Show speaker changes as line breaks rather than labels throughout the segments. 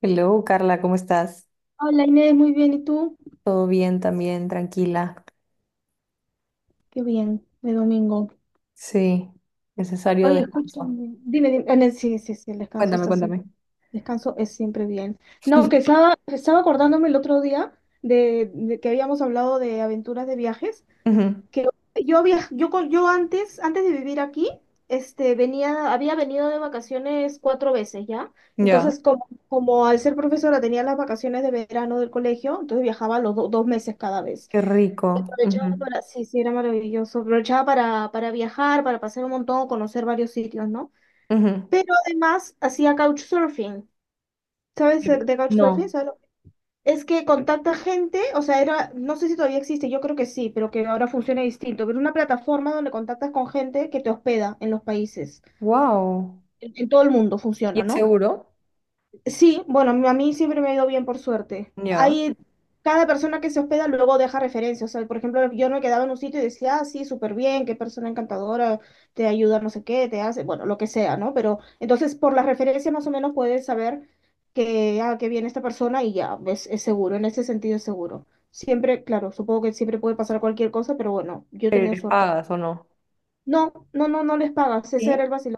Hello, Carla, ¿cómo estás?
Hola Inés, muy bien. ¿Y tú?
¿Todo bien también? Tranquila.
Qué bien, de domingo.
Sí, necesario
Oye,
descanso.
escúchame. Dime, dime. Ah, no, sí, sí, sí, el descanso
Cuéntame,
está siempre,
cuéntame.
descanso es siempre bien. No, que estaba acordándome el otro día de que habíamos hablado de aventuras de viajes,
Ujú.
que yo viaj, yo, con- yo, antes de vivir aquí, había venido de vacaciones cuatro veces, ¿ya?
Ya.
Entonces, como al ser profesora tenía las vacaciones de verano del colegio, entonces viajaba los dos meses cada vez.
Qué rico.
Aprovechaba
Ujú,
para, sí, sí, era maravilloso. Aprovechaba para viajar, para pasar un montón, conocer varios sitios, ¿no?
ujú.
Pero además hacía couchsurfing. ¿Sabes de couchsurfing?
No.
¿Sabes lo que-? Es que contacta gente, o sea, era, no sé si todavía existe, yo creo que sí, pero que ahora funciona distinto. Pero una plataforma donde contactas con gente que te hospeda en los países.
Wow.
En todo el mundo
¿Y
funciona,
es
¿no?
seguro?
Sí, bueno, a mí siempre me ha ido bien, por suerte.
Ya.
Hay, cada persona que se hospeda luego deja referencias. O sea, por ejemplo, yo me quedaba en un sitio y decía, ah, sí, súper bien, qué persona encantadora, te ayuda, no sé qué, te hace, bueno, lo que sea, ¿no? Pero entonces, por las referencias más o menos puedes saber que, ah, que viene esta persona y ya, ves, es seguro, en ese sentido es seguro. Siempre, claro, supongo que siempre puede pasar cualquier cosa, pero bueno, yo he
¿Pero
tenido
eres
suerte.
pagas o no?
No, no, no, no les pagas, ese era
Sí.
el vacilón.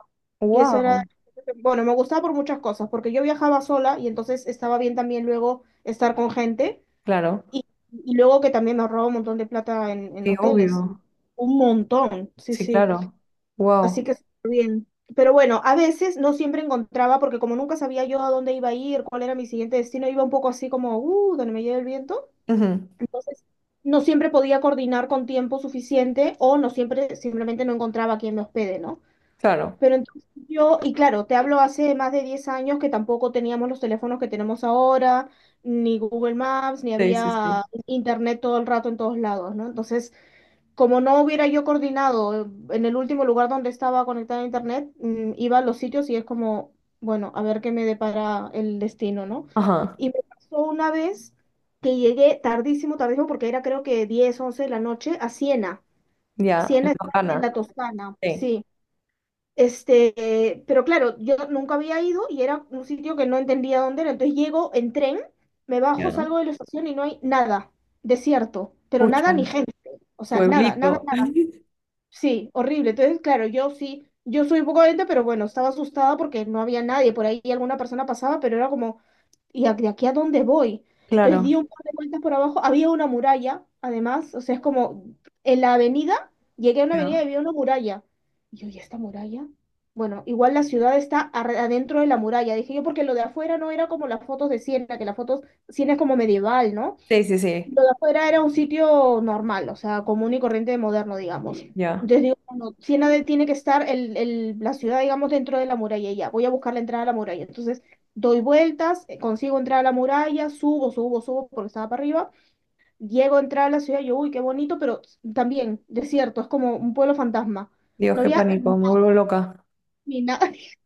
Y eso era,
Wow.
bueno, me gustaba por muchas cosas, porque yo viajaba sola y entonces estaba bien también luego estar con gente
Claro.
y, y luego que también ahorraba un montón de plata en
Sí,
hoteles,
obvio.
un montón, sí,
Sí,
sí.
claro. Wow.
Así que, pero bueno, a veces no siempre encontraba, porque como nunca sabía yo a dónde iba a ir, cuál era mi siguiente destino, iba un poco así como, donde me lleve el viento.
Ujú.
Entonces, no siempre podía coordinar con tiempo suficiente o no siempre, simplemente no encontraba a quien me hospede, ¿no?
Claro.
Pero entonces yo, y claro, te hablo hace más de 10 años que tampoco teníamos los teléfonos que tenemos ahora, ni Google Maps, ni
Sí, sí, sí.
había internet todo el rato en todos lados, ¿no? Entonces, como no hubiera yo coordinado en el último lugar donde estaba conectada a internet, iba a los sitios y es como, bueno, a ver qué me depara el destino, ¿no?
Ajá.
Y me pasó una vez que llegué tardísimo, tardísimo, porque era creo que 10 11 de la noche, a Siena.
Ya. En
Siena está en
Toscana.
la Toscana,
Sí.
sí. Este, pero claro, yo nunca había ido y era un sitio que no entendía dónde era. Entonces llego en tren, me bajo,
Ya.
salgo de la estación y no hay nada, desierto, pero
Pucha.
nada ni gente. O sea, nada, nada,
Pueblito.
nada. Sí, horrible. Entonces, claro, yo sí, yo soy un poco gente, pero bueno, estaba asustada porque no había nadie. Por ahí alguna persona pasaba, pero era como, ¿y de aquí a dónde voy? Entonces di
Claro.
un par de vueltas por abajo, había una muralla, además, o sea, es como en la avenida, llegué a una avenida
Ya.
y había una muralla. Y yo, ¿y esta muralla? Bueno, igual la ciudad está adentro de la muralla, dije yo, porque lo de afuera no era como las fotos de Siena, que las fotos, Siena es como medieval, ¿no?
Sí, sí, sí,
Lo de afuera era un sitio normal, o sea, común y corriente moderno, digamos.
ya.
Entonces digo, bueno, Siena tiene que estar el, la ciudad, digamos, dentro de la muralla y ya. Voy a buscar la entrada a la muralla. Entonces doy vueltas, consigo entrar a la muralla, subo, subo, subo, porque estaba para arriba. Llego a entrar a la ciudad, yo, uy, qué bonito, pero también desierto, es como un pueblo fantasma.
Dios,
No
qué
había
pánico, me vuelvo loca.
ni nada,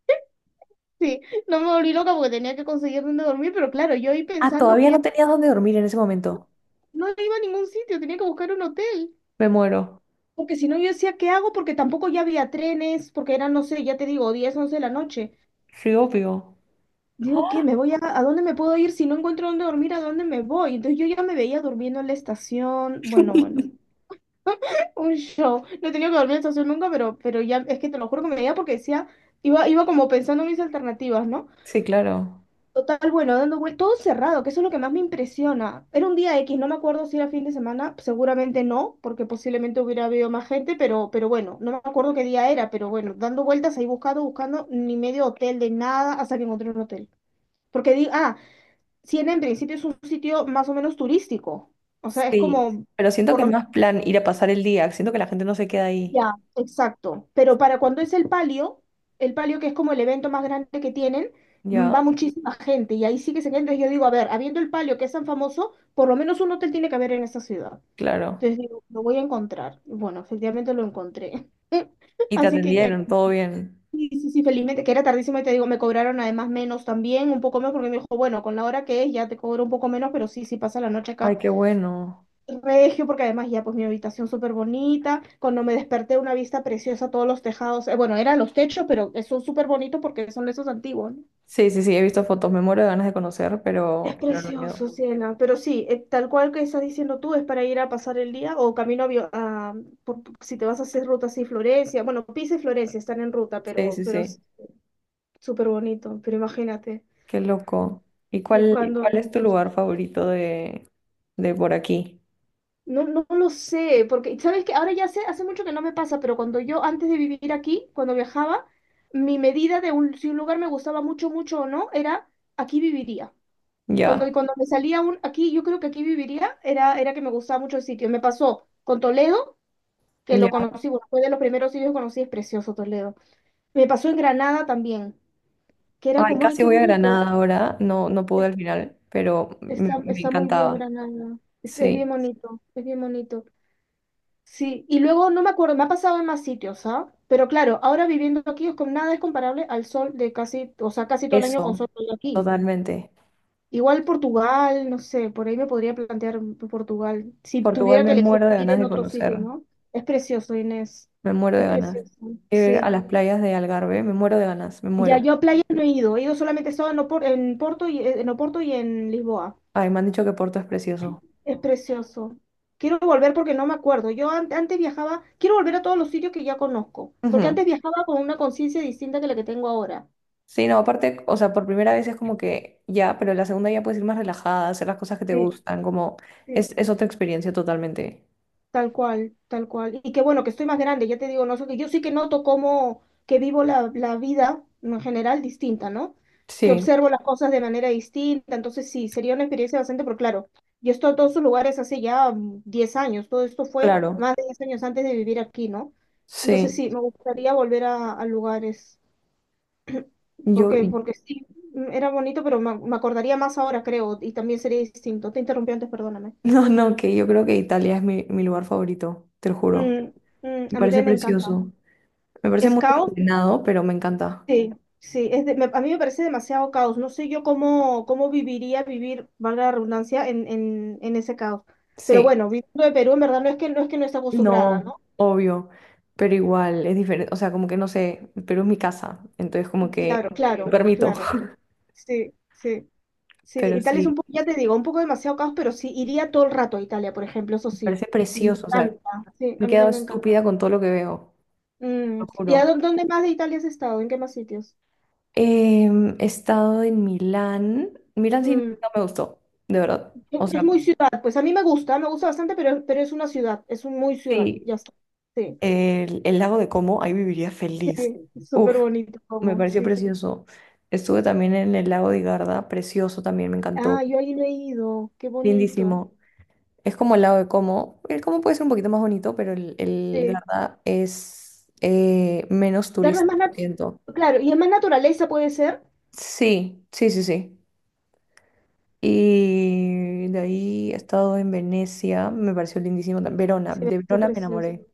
sí, no me volví loca porque tenía que conseguir dónde dormir, pero claro, yo ahí
Ah,
pensando
todavía
que
no tenías dónde dormir en ese momento.
no iba a ningún sitio, tenía que buscar un hotel.
Me muero.
Porque si no, yo decía, ¿qué hago? Porque tampoco ya había trenes, porque eran, no sé, ya te digo, 10 11 de la noche.
Sí, obvio.
Digo, ¿qué? ¿Me voy a dónde me puedo ir? Si no encuentro dónde dormir, ¿a dónde me voy? Entonces yo ya me veía durmiendo en la estación. Bueno, bueno, un show. No he tenido que dormir en la estación nunca, pero ya, es que te lo juro que me veía porque decía, iba, iba como pensando en mis alternativas, ¿no?
Sí, claro.
Total, bueno, dando vueltas, todo cerrado, que eso es lo que más me impresiona. Era un día X, no me acuerdo si era fin de semana, seguramente no, porque posiblemente hubiera habido más gente, pero bueno, no me acuerdo qué día era, pero bueno, dando vueltas ahí buscando, buscando, ni medio hotel de nada hasta que encontré un hotel. Porque di, ah, Siena en principio es un sitio más o menos turístico, o sea, es
Sí,
como,
pero siento
por
que es
lo...
más plan ir a pasar el día. Siento que la gente no se queda ahí.
Ya, exacto. Pero para cuando es el palio que es como el evento más grande que tienen, va
Ya,
muchísima gente y ahí sí que se queda. Entonces yo digo, a ver, habiendo el palio que es tan famoso, por lo menos un hotel tiene que haber en esta ciudad.
claro.
Entonces digo, lo voy a encontrar. Y bueno, efectivamente lo encontré.
¿Y te
Así que ya,
atendieron, todo bien?
sí, sí, sí, felizmente, que era tardísimo y te digo, me cobraron además menos también, un poco menos, porque me dijo, bueno, con la hora que es ya te cobro un poco menos, pero sí, sí pasa la noche acá
Ay, qué bueno.
regio, porque además ya pues mi habitación súper bonita, cuando me desperté una vista preciosa, todos los tejados, bueno, eran los techos, pero son súper bonitos porque son esos antiguos, ¿no?
Sí, sí, sí, he visto fotos. Me muero de ganas de conocer,
Es
pero no he
precioso,
ido.
Ciela, pero sí, tal cual que estás diciendo tú, es para ir a pasar el día o camino a, si te vas a hacer ruta así, Florencia, bueno, Pisa y Florencia están en ruta,
Sí, sí,
pero
sí.
es súper bonito, pero imagínate,
Qué loco. ¿Y cuál,
buscando...
cuál es tu lugar favorito de por aquí?
No, no lo sé, porque sabes que ahora ya sé, hace mucho que no me pasa, pero cuando yo antes de vivir aquí, cuando viajaba, mi medida de si un lugar me gustaba mucho, mucho o no, era aquí viviría. Cuando,
Ya,
y cuando me salía un aquí, yo creo que aquí viviría, era que me gustaba mucho el sitio. Me pasó con Toledo, que lo
ya.
conocí, bueno, fue de los primeros sitios que conocí, es precioso Toledo. Me pasó en Granada también, que era
Ay,
como, ay,
casi
qué
voy a
bonito.
Granada ahora, no, no pude
Es...
al final, pero me,
Está,
me
está muy bien
encantaba.
Granada. Es
Sí,
bien bonito, es bien bonito. Sí, y luego no me acuerdo, me ha pasado en más sitios, ¿ah? Pero claro, ahora viviendo aquí es con nada es comparable al sol de casi, o sea, casi todo el año con
eso,
sol de aquí.
totalmente.
Igual Portugal, no sé, por ahí me podría plantear Portugal, si
Portugal,
tuviera que
me
elegir
muero de
ir
ganas
en
de
otro sitio,
conocer,
¿no? Es precioso, Inés.
me muero de
Es
ganas.
precioso,
Ir a
sí.
las playas de Algarve, me muero de ganas, me
Ya
muero.
yo a playas no he ido, he ido solamente he estado en en Porto y en Oporto y en Lisboa.
Ay, me han dicho que Porto es precioso.
Es precioso. Quiero volver porque no me acuerdo. Yo antes viajaba, quiero volver a todos los sitios que ya conozco, porque
Ujú.
antes viajaba con una conciencia distinta que la que tengo ahora.
Sí, no, aparte, o sea, por primera vez es como que ya, pero la segunda ya puedes ir más relajada, hacer las cosas que te
Sí,
gustan, como
sí.
es otra experiencia totalmente.
Tal cual, tal cual. Y que bueno, que estoy más grande, ya te digo, no sé, que yo sí que noto cómo que vivo la vida en general distinta, ¿no? Que
Sí,
observo las cosas de manera distinta, entonces sí, sería una experiencia bastante, pero claro, yo he estado en todos esos lugares hace ya 10 años, todo esto fue
claro,
más de 10 años antes de vivir aquí, ¿no? Entonces
sí.
sí, me gustaría volver a, lugares,
Yo.
porque, porque sí, era bonito, pero me acordaría más ahora, creo, y también sería distinto. Te interrumpí antes, perdóname.
No, no, que yo creo que Italia es mi lugar favorito, te lo juro.
Mm,
Me
a mí
parece
también me encanta.
precioso. Me parece
Es
muy
caos.
ordenado, pero me encanta.
Sí, sí, a mí me parece demasiado caos. No sé yo cómo, cómo viviría vivir, valga la redundancia, en ese caos. Pero
Sí,
bueno, viviendo de Perú, en verdad no es que no esté acostumbrada,
no,
¿no?
obvio, pero igual es diferente. O sea, como que no sé, pero es mi casa, entonces como que
Claro,
me
claro,
permito.
claro. Sí, sí, sí.
Pero
Italia es un
sí,
poco, ya te digo, un poco demasiado caos, pero sí, iría todo el rato a Italia, por ejemplo, eso
me
sí.
parece
Me
precioso. O sea,
encanta. Sí,
me
a
he
mí
quedado
también me encanta.
estúpida con todo lo que veo, lo
¿Y
juro.
dónde más de Italia has estado? ¿En qué más sitios?
He estado en Milán. Milán sí
Mm,
no me gustó, de verdad. O sea,
Es muy ciudad, pues a mí me gusta, bastante, pero es una ciudad, es un muy ciudad,
sí,
ya está. Sí.
el lago de Como, ahí viviría feliz.
Súper
Uf,
bonito
me
como,
pareció
sí, sí.
precioso. Estuve también en el lago de Garda, precioso también, me encantó.
Ah, yo ahí no he ido, qué bonito.
Lindísimo. Es como el lago de Como. El Como puede ser un poquito más bonito, pero el
Sí.
Garda es menos
Darles más,
turístico,
nat-
siento.
claro, y es más naturaleza puede ser.
Sí, sí, sí, sí. Y de ahí he estado en Venecia, me pareció lindísimo. Verona,
Sí,
de
qué
Verona me
precioso.
enamoré.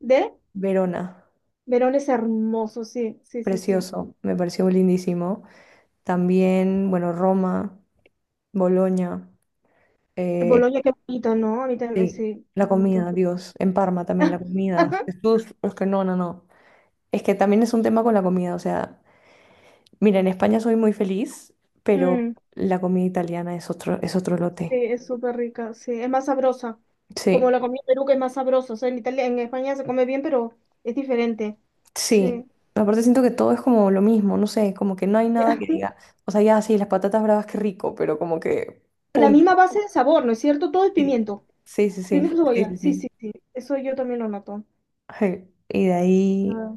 ¿De?
Verona,
Verón es hermoso, sí, sí, sí, sí.
precioso, me pareció lindísimo. También, bueno, Roma, Bolonia,
En
eh,
Bolonia, qué bonito, ¿no? A mí también,
sí,
sí,
la
bonito.
comida, Dios, en Parma también la comida, Jesús, es que no, no, no. Es que también es un tema con la comida, o sea, mira, en España soy muy feliz, pero
Mm,
la comida italiana es otro
sí,
lote.
es súper rica, sí, es más sabrosa.
Sí,
Como la comida en Perú, que es más sabrosa. O sea, en Italia, en España se come bien, pero es diferente.
sí.
Sí.
Aparte siento que todo es como lo mismo, no sé, como que no hay nada
Ya.
que diga, o sea, ya sí, las patatas bravas, qué rico, pero como que,
La misma
punto.
base de sabor, ¿no es cierto? Todo es
Sí,
pimiento.
sí, sí, sí,
Pimiento
sí,
cebolla,
sí,
sí, sí,
sí.
sí, eso yo también lo noto.
Ay, y de ahí...
Ah.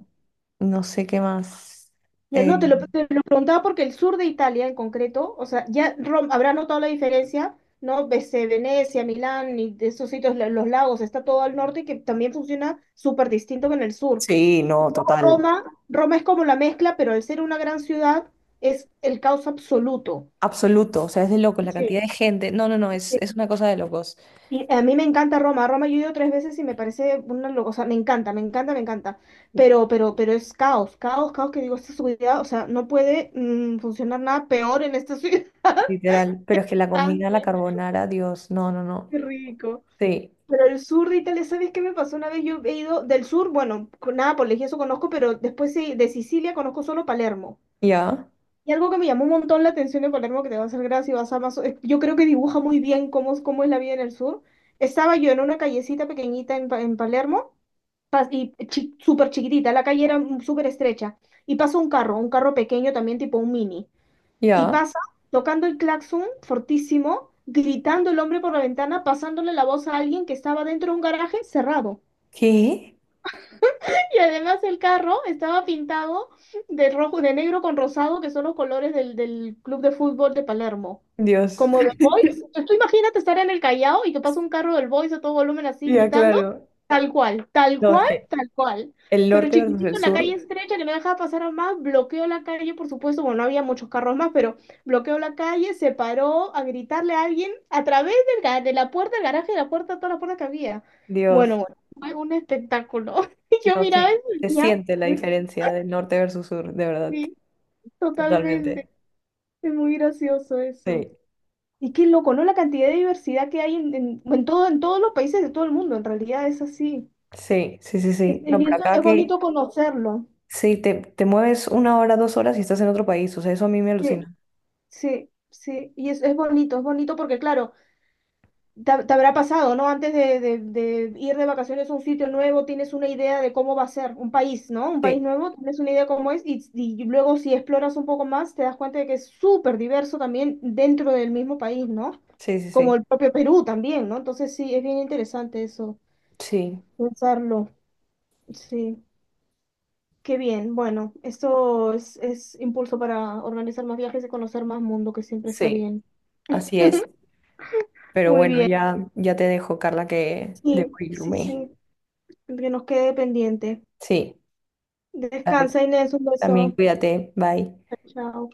No sé qué más.
Ya,
Eh,
no, te lo preguntaba porque el sur de Italia en concreto, o sea, habrá notado la diferencia, ¿no? Venecia, Milán y de esos sitios, los lagos, está todo al norte que también funciona súper distinto que en el sur.
sí,
Y
no,
luego
total.
Roma, Roma es como la mezcla, pero al ser una gran ciudad es el caos absoluto.
Absoluto, o sea, es de locos la cantidad de gente. No, no, no, es una cosa de locos,
Y a mí me encanta Roma. Roma yo he ido tres veces y me parece una locura. O sea, me encanta, me encanta, me encanta. Pero es caos, caos, caos que digo, esta ciudad, o sea, no puede funcionar nada peor en esta ciudad.
literal. Pero es que la comida, la carbonara, Dios, no, no, no.
Qué rico.
Sí,
Pero el sur de Italia, ¿sabes qué me pasó una vez? Yo he ido del sur, bueno, con Nápoles y eso conozco, pero después sí, de Sicilia conozco solo Palermo.
ya,
Y algo que me llamó un montón la atención de Palermo, que te va a hacer gracia y vas a más... es- yo creo que dibuja muy bien cómo es la vida en el sur. Estaba yo en una callecita pequeñita en, en Palermo, súper chiquitita, la calle era súper estrecha, y pasa un carro pequeño también tipo un mini, y
ya.
pasa tocando el claxon fortísimo, gritando el hombre por la ventana, pasándole la voz a alguien que estaba dentro de un garaje cerrado.
¿Qué?
Y además el carro estaba pintado de rojo, de negro con rosado, que son los colores del club de fútbol de Palermo.
Dios.
Como de Boys. Tú imagínate estar en el Callao y que pasa un carro del Boys a todo volumen así
Ya,
gritando.
claro.
Tal cual, tal
No, es
cual,
que
tal cual.
el
Pero
norte versus el
chiquitito, la calle
sur,
estrecha que no dejaba pasar a más, bloqueó la calle, por supuesto, bueno, no había muchos carros más, pero bloqueó la calle, se paró a gritarle a alguien a través de la puerta del garaje, de la puerta, todas las puertas que había.
Dios,
Bueno, bueno, fue un espectáculo. Y yo
no,
miraba
sí,
eso
se
y ya,
siente la diferencia del norte versus sur, de verdad,
sí,
totalmente.
totalmente. Es muy gracioso eso.
Sí,
Y qué loco, ¿no? La cantidad de diversidad que hay en todo, en todos los países de todo el mundo, en realidad es así.
sí, sí, sí, sí. No,
Y
por
eso
acá
es
que
bonito conocerlo.
sí, te mueves 1 hora, 2 horas y estás en otro país. O sea, eso a mí me
Sí,
alucina.
sí, sí. Y es bonito porque, claro, te habrá pasado, ¿no? Antes de ir de vacaciones a un sitio nuevo, tienes una idea de cómo va a ser un país, ¿no? Un país
Sí,
nuevo, tienes una idea cómo es y luego si exploras un poco más, te das cuenta de que es súper diverso también dentro del mismo país, ¿no?
sí, sí, sí.
Como el propio Perú también, ¿no? Entonces sí, es bien interesante eso,
Sí,
pensarlo. Sí, qué bien. Bueno, esto es impulso para organizar más viajes y conocer más mundo, que siempre está
sí,
bien.
así es. Pero
Muy
bueno,
bien.
ya te dejo, Carla, que debo
Sí, sí,
irme.
sí, que nos quede pendiente.
Sí, dale,
Descansa, Inés, un
también
beso.
cuídate. Bye.
Chao.